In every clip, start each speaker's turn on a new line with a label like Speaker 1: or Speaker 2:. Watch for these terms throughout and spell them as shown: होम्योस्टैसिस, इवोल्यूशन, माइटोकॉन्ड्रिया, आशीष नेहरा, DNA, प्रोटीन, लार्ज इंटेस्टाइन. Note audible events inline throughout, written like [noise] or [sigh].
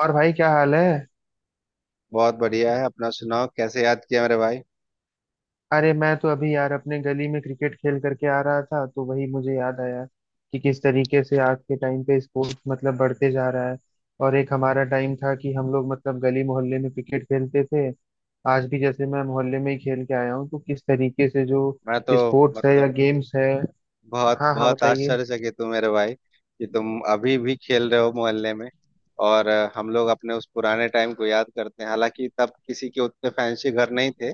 Speaker 1: और भाई क्या हाल है।
Speaker 2: बहुत बढ़िया है। अपना सुनाओ, कैसे याद किया मेरे भाई?
Speaker 1: अरे मैं तो अभी यार अपने गली में क्रिकेट खेल करके आ रहा था तो वही मुझे याद आया कि किस तरीके से आज के टाइम पे स्पोर्ट्स मतलब बढ़ते जा रहा है। और एक हमारा टाइम था कि हम लोग मतलब गली मोहल्ले में क्रिकेट खेलते थे। आज भी जैसे मैं मोहल्ले में ही खेल के आया हूँ तो किस तरीके से जो
Speaker 2: मैं तो
Speaker 1: स्पोर्ट्स है या
Speaker 2: मतलब
Speaker 1: गेम्स है।
Speaker 2: बहुत
Speaker 1: हाँ हाँ,
Speaker 2: बहुत
Speaker 1: बताइए।
Speaker 2: आश्चर्यचकित हूँ मेरे भाई कि तुम अभी भी खेल रहे हो मोहल्ले में। और हम लोग अपने उस पुराने टाइम को याद करते हैं, हालांकि तब किसी के उतने फैंसी घर नहीं थे।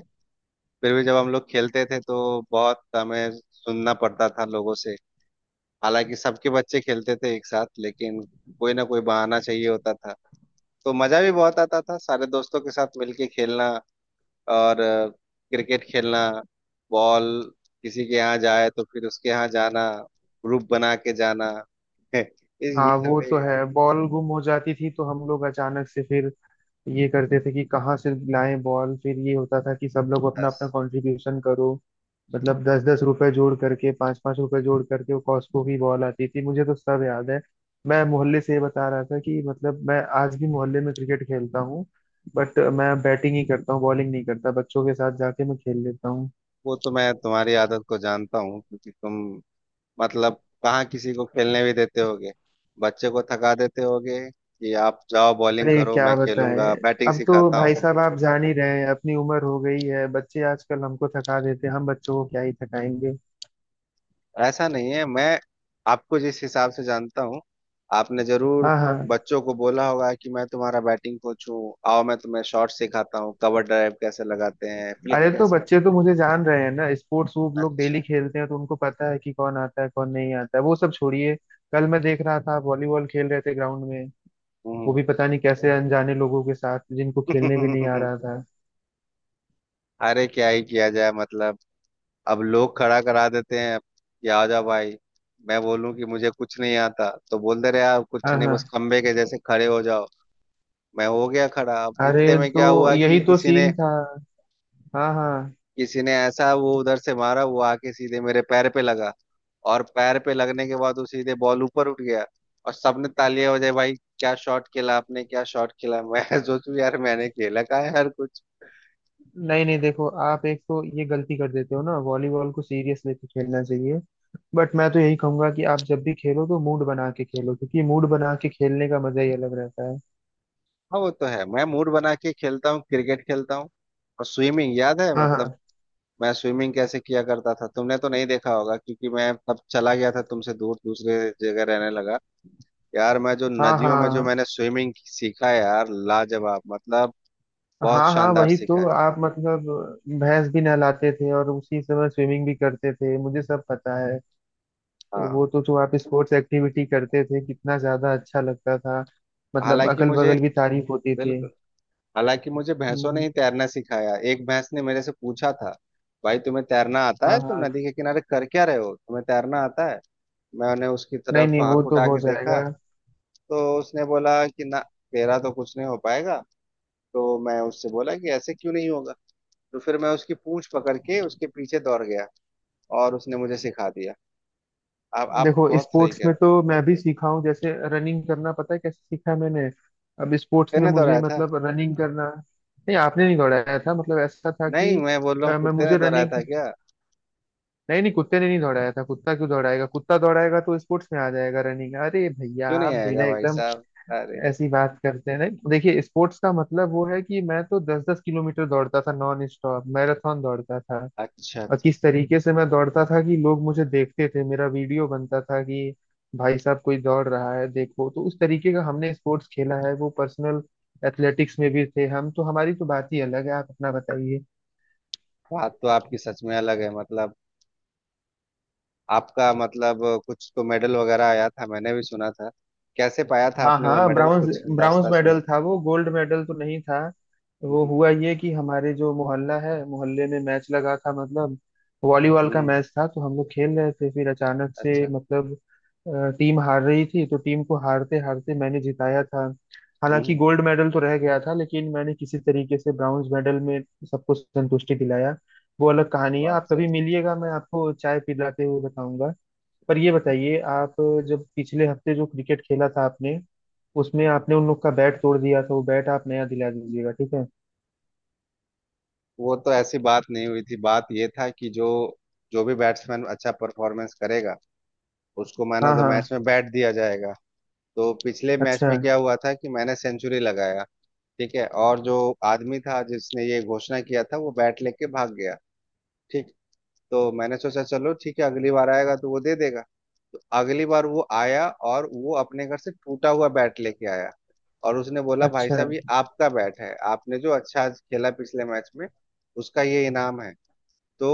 Speaker 2: फिर भी जब हम लोग खेलते थे तो बहुत हमें सुनना पड़ता था लोगों से। हालांकि सबके बच्चे खेलते थे एक साथ, लेकिन कोई ना कोई बहाना चाहिए होता था। तो मजा भी बहुत आता था सारे दोस्तों के साथ मिलके खेलना, और क्रिकेट खेलना, बॉल किसी के यहाँ जाए तो फिर उसके यहाँ जाना, ग्रुप बना के जाना। [laughs] इस ये
Speaker 1: हाँ वो
Speaker 2: सब
Speaker 1: तो
Speaker 2: एक आदत
Speaker 1: है, बॉल गुम हो जाती थी तो हम लोग अचानक से फिर ये करते थे कि कहाँ से लाएं बॉल। फिर ये होता था कि सब लोग अपना
Speaker 2: था।
Speaker 1: अपना कंट्रीब्यूशन करो। मतलब 10-10 रुपए जोड़ करके 5-5 रुपए जोड़ करके वो कॉस्को की बॉल आती थी, मुझे तो सब याद है। मैं मोहल्ले से ये बता रहा था कि मतलब मैं आज भी मोहल्ले में क्रिकेट खेलता हूँ। बट मैं बैटिंग ही करता हूँ, बॉलिंग नहीं करता, बच्चों के साथ जाके मैं खेल लेता हूँ।
Speaker 2: वो तो मैं तुम्हारी आदत को जानता हूँ, क्योंकि तुम मतलब कहाँ किसी को खेलने भी देते होगे। बच्चे को थका देते होगे कि आप जाओ बॉलिंग
Speaker 1: अरे
Speaker 2: करो,
Speaker 1: क्या
Speaker 2: मैं
Speaker 1: बताएं।
Speaker 2: खेलूंगा, बैटिंग
Speaker 1: अब तो
Speaker 2: सिखाता
Speaker 1: भाई
Speaker 2: हूँ।
Speaker 1: साहब आप जान ही रहे हैं अपनी उम्र हो गई है, बच्चे आजकल हमको थका देते हैं, हम बच्चों को क्या ही थकाएंगे।
Speaker 2: ऐसा नहीं है, मैं आपको जिस हिसाब से जानता हूँ, आपने जरूर
Speaker 1: हाँ हाँ।
Speaker 2: बच्चों को बोला होगा कि मैं तुम्हारा बैटिंग कोच हूँ, आओ मैं तुम्हें शॉट सिखाता हूँ, कवर ड्राइव कैसे लगाते हैं, फ्लिक
Speaker 1: अरे तो
Speaker 2: कैसे।
Speaker 1: बच्चे तो मुझे जान रहे हैं ना, स्पोर्ट्स वो लोग
Speaker 2: अच्छा।
Speaker 1: डेली खेलते हैं तो उनको पता है कि कौन आता है कौन नहीं आता है। वो सब छोड़िए, कल मैं देख रहा था आप वॉलीबॉल खेल रहे थे ग्राउंड में। वो
Speaker 2: हम्म।
Speaker 1: भी पता नहीं कैसे अनजाने लोगों के साथ, जिनको खेलने भी नहीं आ रहा था।
Speaker 2: [laughs] अरे क्या ही किया जाए, मतलब अब लोग खड़ा करा देते हैं कि आ जा भाई। मैं बोलूं कि मुझे कुछ नहीं आता, तो बोलते रहे आप कुछ
Speaker 1: हाँ
Speaker 2: नहीं,
Speaker 1: हाँ।
Speaker 2: बस खंबे के जैसे खड़े हो जाओ। मैं हो गया खड़ा, अब
Speaker 1: अरे
Speaker 2: इतने में
Speaker 1: तो
Speaker 2: क्या हुआ
Speaker 1: यही
Speaker 2: कि
Speaker 1: तो
Speaker 2: किसी ने
Speaker 1: सीन था। हाँ हाँ।
Speaker 2: किसी ने ऐसा वो उधर से मारा, वो आके सीधे मेरे पैर पे लगा। और पैर पे लगने के बाद वो सीधे बॉल ऊपर उठ गया, और सबने तालियां बजाई, भाई क्या शॉट खेला आपने, क्या शॉट खेला, मैं [laughs] सोचू यार मैंने खेला का है हर कुछ।
Speaker 1: नहीं नहीं, देखो आप एक तो ये गलती कर देते हो ना, वॉलीबॉल को सीरियस लेके खेलना चाहिए। बट मैं तो यही कहूंगा कि आप जब भी खेलो तो मूड बना के खेलो, क्योंकि मूड बना के खेलने का मजा ही अलग रहता है।
Speaker 2: हाँ वो तो है, मैं मूड बना के खेलता हूँ, क्रिकेट खेलता हूँ। और स्विमिंग याद है
Speaker 1: हाँ
Speaker 2: मतलब,
Speaker 1: हाँ।
Speaker 2: मैं स्विमिंग कैसे किया करता था, तुमने तो नहीं देखा होगा, क्योंकि मैं तब चला गया था तुमसे दूर, दूसरे जगह रहने लगा। यार मैं जो
Speaker 1: हाँ
Speaker 2: नदियों में जो
Speaker 1: हाँ।
Speaker 2: मैंने स्विमिंग सीखा है यार, लाजवाब मतलब, बहुत
Speaker 1: हाँ हाँ
Speaker 2: शानदार
Speaker 1: वही
Speaker 2: सीखा
Speaker 1: तो
Speaker 2: है।
Speaker 1: आप मतलब भैंस भी नहलाते थे और उसी समय स्विमिंग भी करते थे, मुझे सब पता है। तो
Speaker 2: हाँ।
Speaker 1: वो तो जो आप स्पोर्ट्स एक्टिविटी करते थे कितना ज्यादा अच्छा लगता था, मतलब
Speaker 2: हालांकि
Speaker 1: अगल
Speaker 2: मुझे
Speaker 1: बगल भी तारीफ होती थी।
Speaker 2: बिल्कुल। हालांकि मुझे भैंसों ने
Speaker 1: हम्म,
Speaker 2: ही तैरना सिखाया, एक भैंस ने मेरे से पूछा था, भाई तुम्हें तैरना आता है,
Speaker 1: हाँ
Speaker 2: तुम
Speaker 1: हाँ।
Speaker 2: नदी के किनारे कर क्या रहे हो, तुम्हें तैरना आता है? मैंने उसकी
Speaker 1: नहीं
Speaker 2: तरफ
Speaker 1: नहीं, वो
Speaker 2: आंख
Speaker 1: तो
Speaker 2: उठा
Speaker 1: हो
Speaker 2: के देखा,
Speaker 1: जाएगा।
Speaker 2: तो उसने बोला कि ना, तेरा तो कुछ नहीं हो पाएगा। तो मैं उससे बोला कि ऐसे क्यों नहीं होगा? तो फिर मैं उसकी पूंछ पकड़ के उसके पीछे दौड़ गया, और उसने मुझे सिखा दिया। आप
Speaker 1: देखो
Speaker 2: बहुत सही
Speaker 1: स्पोर्ट्स
Speaker 2: कह
Speaker 1: में
Speaker 2: रहे हो।
Speaker 1: तो मैं भी सीखा हूँ, जैसे रनिंग करना, पता है कैसे सीखा है मैंने। अब स्पोर्ट्स
Speaker 2: कुत्ते
Speaker 1: में
Speaker 2: ने
Speaker 1: मुझे
Speaker 2: दौड़ाया था?
Speaker 1: मतलब रनिंग करना। नहीं आपने नहीं दौड़ाया था, मतलब ऐसा था
Speaker 2: नहीं
Speaker 1: कि
Speaker 2: मैं बोल रहा हूँ
Speaker 1: मैं
Speaker 2: कुत्ते ने
Speaker 1: मुझे
Speaker 2: दौड़ाया
Speaker 1: रनिंग।
Speaker 2: था क्या?
Speaker 1: नहीं नहीं कुत्ते ने नहीं दौड़ाया था, कुत्ता क्यों दौड़ाएगा, कुत्ता दौड़ाएगा तो स्पोर्ट्स में आ जाएगा रनिंग। अरे भैया
Speaker 2: क्यों
Speaker 1: आप
Speaker 2: नहीं
Speaker 1: भी ना
Speaker 2: आएगा भाई
Speaker 1: एकदम
Speaker 2: साहब, अरे।
Speaker 1: ऐसी बात करते हैं। नहीं देखिए स्पोर्ट्स का मतलब वो है कि मैं तो 10-10 किलोमीटर दौड़ता था, नॉन स्टॉप मैराथन दौड़ता था।
Speaker 2: अच्छा
Speaker 1: और
Speaker 2: अच्छा
Speaker 1: किस
Speaker 2: अच्छा।
Speaker 1: तरीके से मैं दौड़ता था कि लोग मुझे देखते थे, मेरा वीडियो बनता था कि भाई साहब कोई दौड़ रहा है देखो। तो उस तरीके का हमने स्पोर्ट्स खेला है, वो पर्सनल। एथलेटिक्स में भी थे हम तो, हमारी तो बात ही अलग है। आप अपना बताइए।
Speaker 2: बात तो आपकी सच में अलग है, मतलब आपका मतलब कुछ तो मेडल वगैरह आया था, मैंने भी सुना था। कैसे पाया था
Speaker 1: हाँ
Speaker 2: आपने वो
Speaker 1: हाँ
Speaker 2: मेडल,
Speaker 1: ब्राउन्स।
Speaker 2: कुछ
Speaker 1: ब्राउन्स
Speaker 2: दास्ता सुना।
Speaker 1: मेडल था वो, गोल्ड मेडल तो नहीं था। वो
Speaker 2: हम्म।
Speaker 1: हुआ ये कि हमारे जो मोहल्ला है, मोहल्ले में मैच लगा था, मतलब वॉलीबॉल का
Speaker 2: हम्म,
Speaker 1: मैच था। तो हम लोग खेल रहे थे, फिर अचानक से
Speaker 2: अच्छा।
Speaker 1: मतलब टीम हार रही थी, तो टीम को हारते हारते मैंने जिताया था। हालांकि
Speaker 2: हम्म।
Speaker 1: गोल्ड मेडल तो रह गया था, लेकिन मैंने किसी तरीके से ब्राउन्स मेडल में सबको संतुष्टि दिलाया। वो अलग कहानी है,
Speaker 2: बात
Speaker 1: आप
Speaker 2: से।
Speaker 1: कभी मिलिएगा, मैं आपको चाय पिलाते हुए बताऊंगा। पर ये बताइए आप, जब पिछले हफ्ते जो क्रिकेट खेला था आपने, उसमें
Speaker 2: हम्म।
Speaker 1: आपने उन लोग का बैट तोड़ दिया था, वो बैट आप नया दिला दीजिएगा, ठीक है।
Speaker 2: वो तो ऐसी बात नहीं हुई थी, बात ये था कि जो जो भी बैट्समैन अच्छा परफॉर्मेंस करेगा, उसको मैन
Speaker 1: हाँ
Speaker 2: ऑफ द
Speaker 1: हाँ।
Speaker 2: मैच में बैट दिया जाएगा। तो पिछले मैच
Speaker 1: अच्छा।
Speaker 2: में क्या हुआ था कि मैंने सेंचुरी लगाया। ठीक है, और जो आदमी था जिसने ये घोषणा किया था, वो बैट लेके भाग गया। ठीक, तो मैंने सोचा चलो ठीक है, अगली बार आएगा तो वो दे देगा। तो अगली बार वो आया, और वो अपने घर से टूटा हुआ बैट लेके आया, और उसने बोला भाई
Speaker 1: अच्छा।
Speaker 2: साहब ये आपका बैट है, आपने जो अच्छा आज खेला पिछले मैच में, उसका ये इनाम है। तो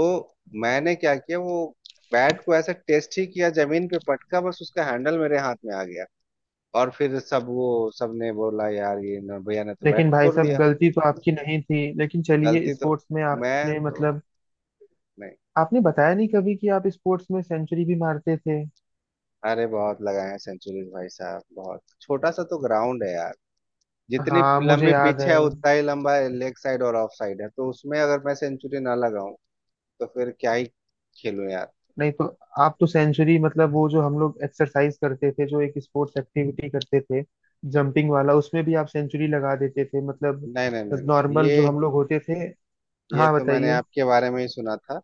Speaker 2: मैंने क्या किया, वो बैट को ऐसा टेस्ट ही किया, जमीन पे पटका, बस उसका हैंडल मेरे हाथ में आ गया। और फिर सब, वो सबने बोला यार ये भैया ने तो बैट
Speaker 1: लेकिन भाई
Speaker 2: तोड़
Speaker 1: साहब
Speaker 2: दिया।
Speaker 1: गलती तो आपकी नहीं थी, लेकिन चलिए
Speaker 2: गलती तो,
Speaker 1: स्पोर्ट्स में
Speaker 2: मैं
Speaker 1: आपने
Speaker 2: तो,
Speaker 1: मतलब
Speaker 2: नहीं।
Speaker 1: आपने बताया नहीं कभी कि आप स्पोर्ट्स में सेंचुरी भी मारते थे।
Speaker 2: अरे बहुत लगाए हैं सेंचुरीज भाई साहब, बहुत छोटा सा तो ग्राउंड है यार, जितनी
Speaker 1: हाँ मुझे
Speaker 2: लंबी
Speaker 1: याद
Speaker 2: पिच
Speaker 1: है।
Speaker 2: है उतना ही लंबा लेग साइड और ऑफ साइड है, तो उसमें अगर मैं सेंचुरी ना लगाऊं तो फिर क्या ही खेलूं यार।
Speaker 1: नहीं तो आप तो सेंचुरी मतलब वो जो हम लोग एक्सरसाइज करते थे, जो एक स्पोर्ट्स एक्टिविटी करते थे, जंपिंग वाला, उसमें भी आप सेंचुरी लगा देते थे मतलब
Speaker 2: नहीं नहीं नहीं नहीं,
Speaker 1: नॉर्मल
Speaker 2: ये
Speaker 1: जो हम लोग होते थे।
Speaker 2: ये
Speaker 1: हाँ
Speaker 2: तो मैंने
Speaker 1: बताइए।
Speaker 2: आपके बारे में ही सुना था,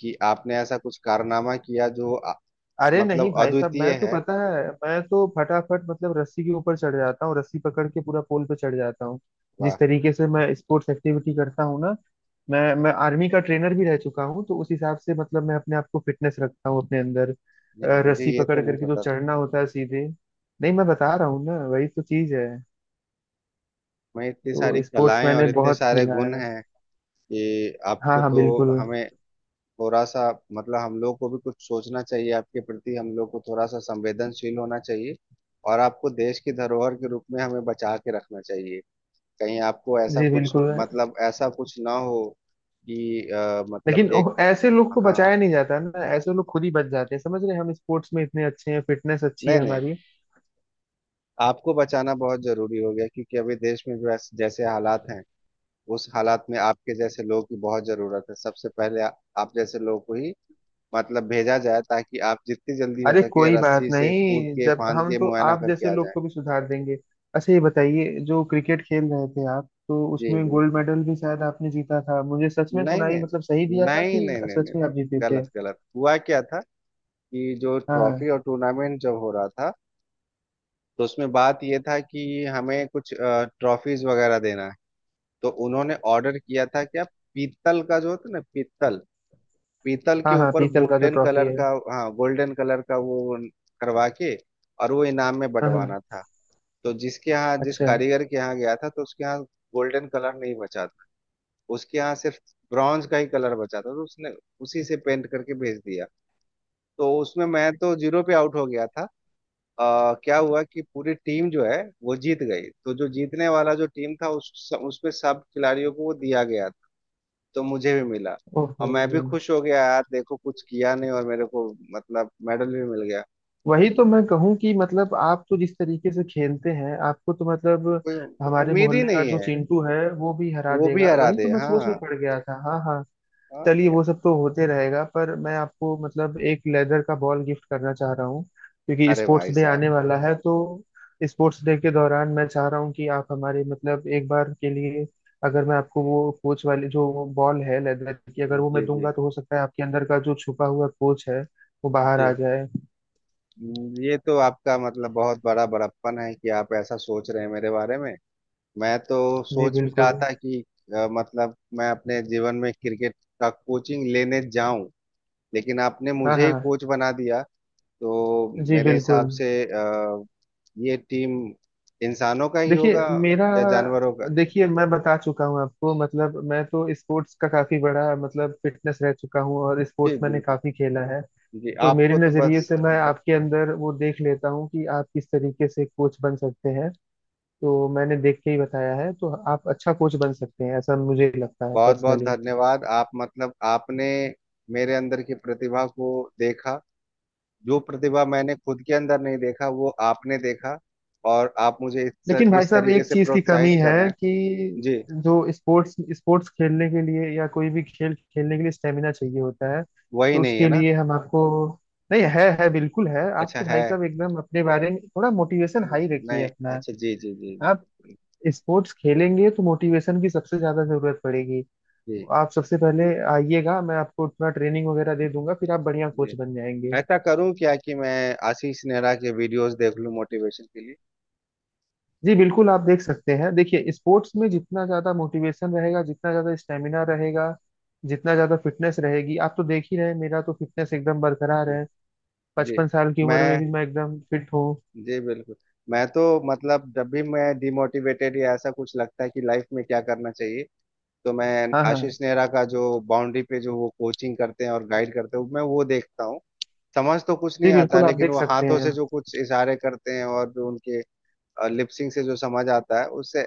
Speaker 2: कि आपने ऐसा कुछ कारनामा किया जो
Speaker 1: अरे नहीं
Speaker 2: मतलब
Speaker 1: भाई साहब,
Speaker 2: अद्वितीय
Speaker 1: मैं तो
Speaker 2: है,
Speaker 1: पता है मैं तो फटाफट मतलब रस्सी के ऊपर चढ़ जाता हूँ, रस्सी पकड़ के पूरा पोल पे चढ़ जाता हूँ।
Speaker 2: वाह।
Speaker 1: जिस तरीके से मैं स्पोर्ट्स एक्टिविटी करता हूँ ना, मैं आर्मी का ट्रेनर भी रह चुका हूँ, तो उस हिसाब से मतलब मैं अपने आप को फिटनेस रखता हूँ अपने अंदर।
Speaker 2: नहीं मुझे
Speaker 1: रस्सी
Speaker 2: ये
Speaker 1: पकड़
Speaker 2: तो नहीं
Speaker 1: करके जो
Speaker 2: पता था,
Speaker 1: चढ़ना होता है सीधे। नहीं मैं बता रहा हूँ ना, वही तो चीज है।
Speaker 2: मैं इतनी सारी
Speaker 1: तो स्पोर्ट्स
Speaker 2: कलाएं और
Speaker 1: मैंने
Speaker 2: इतने
Speaker 1: बहुत
Speaker 2: सारे
Speaker 1: खेला
Speaker 2: गुण
Speaker 1: है।
Speaker 2: हैं कि
Speaker 1: हाँ
Speaker 2: आपको
Speaker 1: हाँ
Speaker 2: तो,
Speaker 1: बिल्कुल।
Speaker 2: हमें थोड़ा सा, मतलब हम लोग को भी कुछ सोचना चाहिए, आपके प्रति हम लोग को थोड़ा सा संवेदनशील होना चाहिए। और आपको देश की धरोहर के रूप में हमें बचा के रखना चाहिए, कहीं आपको ऐसा
Speaker 1: जी
Speaker 2: कुछ
Speaker 1: बिल्कुल।
Speaker 2: मतलब ऐसा कुछ ना हो, कि मतलब
Speaker 1: लेकिन
Speaker 2: एक।
Speaker 1: ऐसे लोग को
Speaker 2: हाँ।
Speaker 1: बचाया नहीं जाता ना, ऐसे लोग खुद ही बच जाते हैं। समझ रहे हैं, हम स्पोर्ट्स में इतने अच्छे हैं, फिटनेस अच्छी
Speaker 2: नहीं
Speaker 1: है
Speaker 2: नहीं,
Speaker 1: हमारी।
Speaker 2: आपको बचाना बहुत जरूरी हो गया, क्योंकि अभी देश में जो जैसे हालात हैं, उस हालात में आपके जैसे लोगों की बहुत जरूरत है। सबसे पहले आप जैसे लोगों को ही मतलब भेजा जाए, ताकि आप जितनी जल्दी हो
Speaker 1: अरे
Speaker 2: सके
Speaker 1: कोई बात
Speaker 2: रस्सी से कूद
Speaker 1: नहीं,
Speaker 2: के,
Speaker 1: जब
Speaker 2: फांद
Speaker 1: हम
Speaker 2: के,
Speaker 1: तो
Speaker 2: मुआयना
Speaker 1: आप
Speaker 2: करके
Speaker 1: जैसे
Speaker 2: आ
Speaker 1: लोग
Speaker 2: जाएं।
Speaker 1: को भी सुधार देंगे। अच्छा ये बताइए, जो क्रिकेट खेल रहे थे आप तो
Speaker 2: जी
Speaker 1: उसमें गोल्ड
Speaker 2: बिल्कुल।
Speaker 1: मेडल भी शायद आपने जीता था, मुझे सच में
Speaker 2: नहीं
Speaker 1: सुनाई
Speaker 2: नहीं
Speaker 1: मतलब सही दिया था
Speaker 2: नहीं
Speaker 1: कि
Speaker 2: नहीं नहीं
Speaker 1: सच
Speaker 2: नहीं,
Speaker 1: में आप जीते थे।
Speaker 2: गलत गलत हुआ क्या था कि जो
Speaker 1: हाँ हाँ।
Speaker 2: ट्रॉफी और टूर्नामेंट जब हो रहा था, तो उसमें बात ये था कि हमें कुछ ट्रॉफीज वगैरह देना है। तो उन्होंने ऑर्डर किया था क्या, पीतल का जो होता है ना पीतल, पीतल के
Speaker 1: हाँ हाँ
Speaker 2: ऊपर
Speaker 1: पीतल का जो
Speaker 2: गोल्डन
Speaker 1: ट्रॉफी
Speaker 2: कलर
Speaker 1: है।
Speaker 2: का। हाँ, गोल्डन कलर का वो करवा के, और वो इनाम में
Speaker 1: हाँ हाँ।
Speaker 2: बंटवाना था। तो जिस
Speaker 1: अच्छा।
Speaker 2: कारीगर के यहाँ गया था, तो उसके यहाँ गोल्डन कलर नहीं बचा था, उसके यहाँ सिर्फ ब्रॉन्ज का ही कलर बचा था, तो उसने उसी से पेंट करके भेज दिया। तो उसमें मैं तो जीरो पे आउट हो गया था। क्या हुआ कि पूरी टीम जो है वो जीत गई, तो जो जीतने वाला जो टीम था, उस उसमें सब खिलाड़ियों को वो दिया गया था, तो मुझे भी मिला। और
Speaker 1: ओहो।
Speaker 2: मैं भी खुश हो गया यार, देखो कुछ किया नहीं और मेरे को मतलब मेडल भी मिल गया।
Speaker 1: वही तो मैं कहूँ कि मतलब आप तो जिस तरीके से खेलते हैं, आपको तो मतलब
Speaker 2: कोई
Speaker 1: हमारे
Speaker 2: उम्मीद ही
Speaker 1: मोहल्ले का
Speaker 2: नहीं
Speaker 1: जो
Speaker 2: है,
Speaker 1: चिंटू है वो भी हरा
Speaker 2: वो भी
Speaker 1: देगा।
Speaker 2: हरा
Speaker 1: वही तो
Speaker 2: दे,
Speaker 1: मैं सोच में
Speaker 2: हाँ
Speaker 1: पड़ गया था। हाँ हाँ।
Speaker 2: और
Speaker 1: चलिए
Speaker 2: क्या।
Speaker 1: वो सब तो होते रहेगा, पर मैं आपको मतलब एक लेदर का बॉल गिफ्ट करना चाह रहा हूँ, क्योंकि
Speaker 2: अरे
Speaker 1: स्पोर्ट्स
Speaker 2: भाई
Speaker 1: डे
Speaker 2: साहब।
Speaker 1: आने वाला है तो स्पोर्ट्स डे के दौरान मैं चाह रहा हूँ कि आप हमारे मतलब एक बार के लिए, अगर मैं आपको वो कोच वाली जो बॉल है लेदर की, अगर वो मैं
Speaker 2: जी जी
Speaker 1: दूंगा तो हो सकता है आपके अंदर का जो छुपा हुआ कोच है वो बाहर आ
Speaker 2: जी।
Speaker 1: जाए।
Speaker 2: ये तो आपका मतलब बहुत बड़ा बड़प्पन है कि आप ऐसा सोच रहे हैं मेरे बारे में। मैं तो
Speaker 1: जी
Speaker 2: सोच भी रहा
Speaker 1: बिल्कुल।
Speaker 2: था कि मतलब मैं अपने जीवन में क्रिकेट का कोचिंग लेने जाऊं, लेकिन आपने
Speaker 1: हाँ
Speaker 2: मुझे
Speaker 1: हाँ।
Speaker 2: ही कोच बना दिया। तो
Speaker 1: जी
Speaker 2: मेरे हिसाब
Speaker 1: बिल्कुल।
Speaker 2: से ये टीम इंसानों का ही
Speaker 1: देखिए
Speaker 2: होगा,
Speaker 1: मेरा।
Speaker 2: या जानवरों का।
Speaker 1: देखिए मैं बता चुका हूँ आपको, मतलब मैं तो स्पोर्ट्स का काफी बड़ा मतलब फिटनेस रह चुका हूँ और
Speaker 2: जी
Speaker 1: स्पोर्ट्स मैंने
Speaker 2: बिल्कुल।
Speaker 1: काफी खेला है।
Speaker 2: जी
Speaker 1: तो मेरे
Speaker 2: आपको तो
Speaker 1: नजरिए
Speaker 2: बस,
Speaker 1: से मैं आपके अंदर वो देख लेता हूँ कि आप किस तरीके से कोच बन सकते हैं। तो मैंने देख के ही बताया है, तो आप अच्छा कोच बन सकते हैं ऐसा मुझे लगता है,
Speaker 2: बहुत बहुत
Speaker 1: पर्सनली।
Speaker 2: धन्यवाद आप मतलब आपने मेरे अंदर की प्रतिभा को देखा, जो प्रतिभा मैंने खुद के अंदर नहीं देखा वो आपने देखा, और आप मुझे
Speaker 1: लेकिन भाई
Speaker 2: इस
Speaker 1: साहब
Speaker 2: तरीके
Speaker 1: एक
Speaker 2: से
Speaker 1: चीज की
Speaker 2: प्रोत्साहित
Speaker 1: कमी
Speaker 2: कर रहे
Speaker 1: है कि
Speaker 2: हैं। जी।
Speaker 1: जो स्पोर्ट्स स्पोर्ट्स खेलने के लिए या कोई भी खेल खेलने के लिए स्टेमिना चाहिए होता है,
Speaker 2: वही
Speaker 1: तो
Speaker 2: नहीं है
Speaker 1: उसके
Speaker 2: ना।
Speaker 1: लिए हम आपको। नहीं है, है बिल्कुल है, आप
Speaker 2: अच्छा
Speaker 1: तो
Speaker 2: है।
Speaker 1: भाई साहब एकदम अपने बारे में थोड़ा मोटिवेशन
Speaker 2: हम्म,
Speaker 1: हाई रखिए
Speaker 2: नहीं।
Speaker 1: अपना।
Speaker 2: अच्छा जी जी जी जी।
Speaker 1: आप स्पोर्ट्स खेलेंगे तो मोटिवेशन की सबसे ज्यादा जरूरत पड़ेगी। तो
Speaker 2: जी
Speaker 1: आप सबसे पहले आइएगा, मैं आपको थोड़ा ट्रेनिंग वगैरह दे दूंगा, फिर आप बढ़िया
Speaker 2: जी।
Speaker 1: कोच बन जाएंगे।
Speaker 2: ऐसा करूं क्या कि मैं आशीष नेहरा के वीडियोस देख लूं मोटिवेशन के लिए?
Speaker 1: जी बिल्कुल आप देख सकते हैं। देखिए स्पोर्ट्स में जितना ज्यादा मोटिवेशन रहेगा, जितना ज्यादा स्टेमिना रहेगा, जितना ज्यादा फिटनेस रहेगी, आप तो देख ही रहे हैं, मेरा तो फिटनेस एकदम बरकरार
Speaker 2: जी
Speaker 1: है।
Speaker 2: जी।
Speaker 1: 55 साल की उम्र में
Speaker 2: मैं।
Speaker 1: भी मैं एकदम फिट हूँ।
Speaker 2: जी बिल्कुल, मैं तो मतलब जब भी मैं डिमोटिवेटेड या ऐसा कुछ लगता है कि लाइफ में क्या करना चाहिए, तो मैं
Speaker 1: हाँ हाँ।
Speaker 2: आशीष नेहरा का जो बाउंड्री पे जो वो कोचिंग करते हैं और गाइड करते हैं, मैं वो देखता हूँ। समझ तो कुछ
Speaker 1: जी
Speaker 2: नहीं आता है,
Speaker 1: बिल्कुल आप
Speaker 2: लेकिन
Speaker 1: देख
Speaker 2: वो
Speaker 1: सकते
Speaker 2: हाथों
Speaker 1: हैं।
Speaker 2: से जो कुछ इशारे करते हैं, और जो उनके लिपसिंग से जो समझ आता है उससे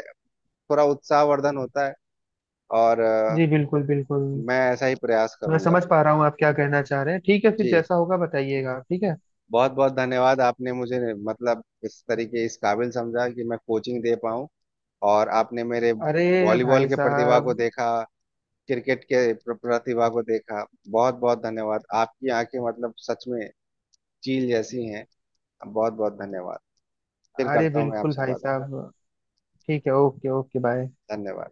Speaker 2: थोड़ा उत्साहवर्धन होता है। और
Speaker 1: जी बिल्कुल बिल्कुल।
Speaker 2: मैं ऐसा ही प्रयास
Speaker 1: मैं
Speaker 2: करूंगा।
Speaker 1: समझ पा रहा हूँ आप क्या कहना चाह रहे हैं, ठीक है फिर
Speaker 2: जी।
Speaker 1: जैसा होगा बताइएगा आप, ठीक है।
Speaker 2: बहुत बहुत धन्यवाद, आपने मुझे मतलब इस तरीके इस काबिल समझा कि मैं कोचिंग दे पाऊँ, और आपने मेरे
Speaker 1: अरे
Speaker 2: वॉलीबॉल
Speaker 1: भाई
Speaker 2: के प्रतिभा को
Speaker 1: साहब।
Speaker 2: देखा, क्रिकेट के प्रतिभा को देखा। बहुत बहुत धन्यवाद, आपकी आंखें मतलब सच में चील जैसी हैं। बहुत बहुत धन्यवाद, फिर
Speaker 1: अरे
Speaker 2: करता हूँ मैं
Speaker 1: बिल्कुल
Speaker 2: आपसे
Speaker 1: भाई
Speaker 2: बात।
Speaker 1: साहब। ठीक है, ओके ओके, बाय।
Speaker 2: धन्यवाद।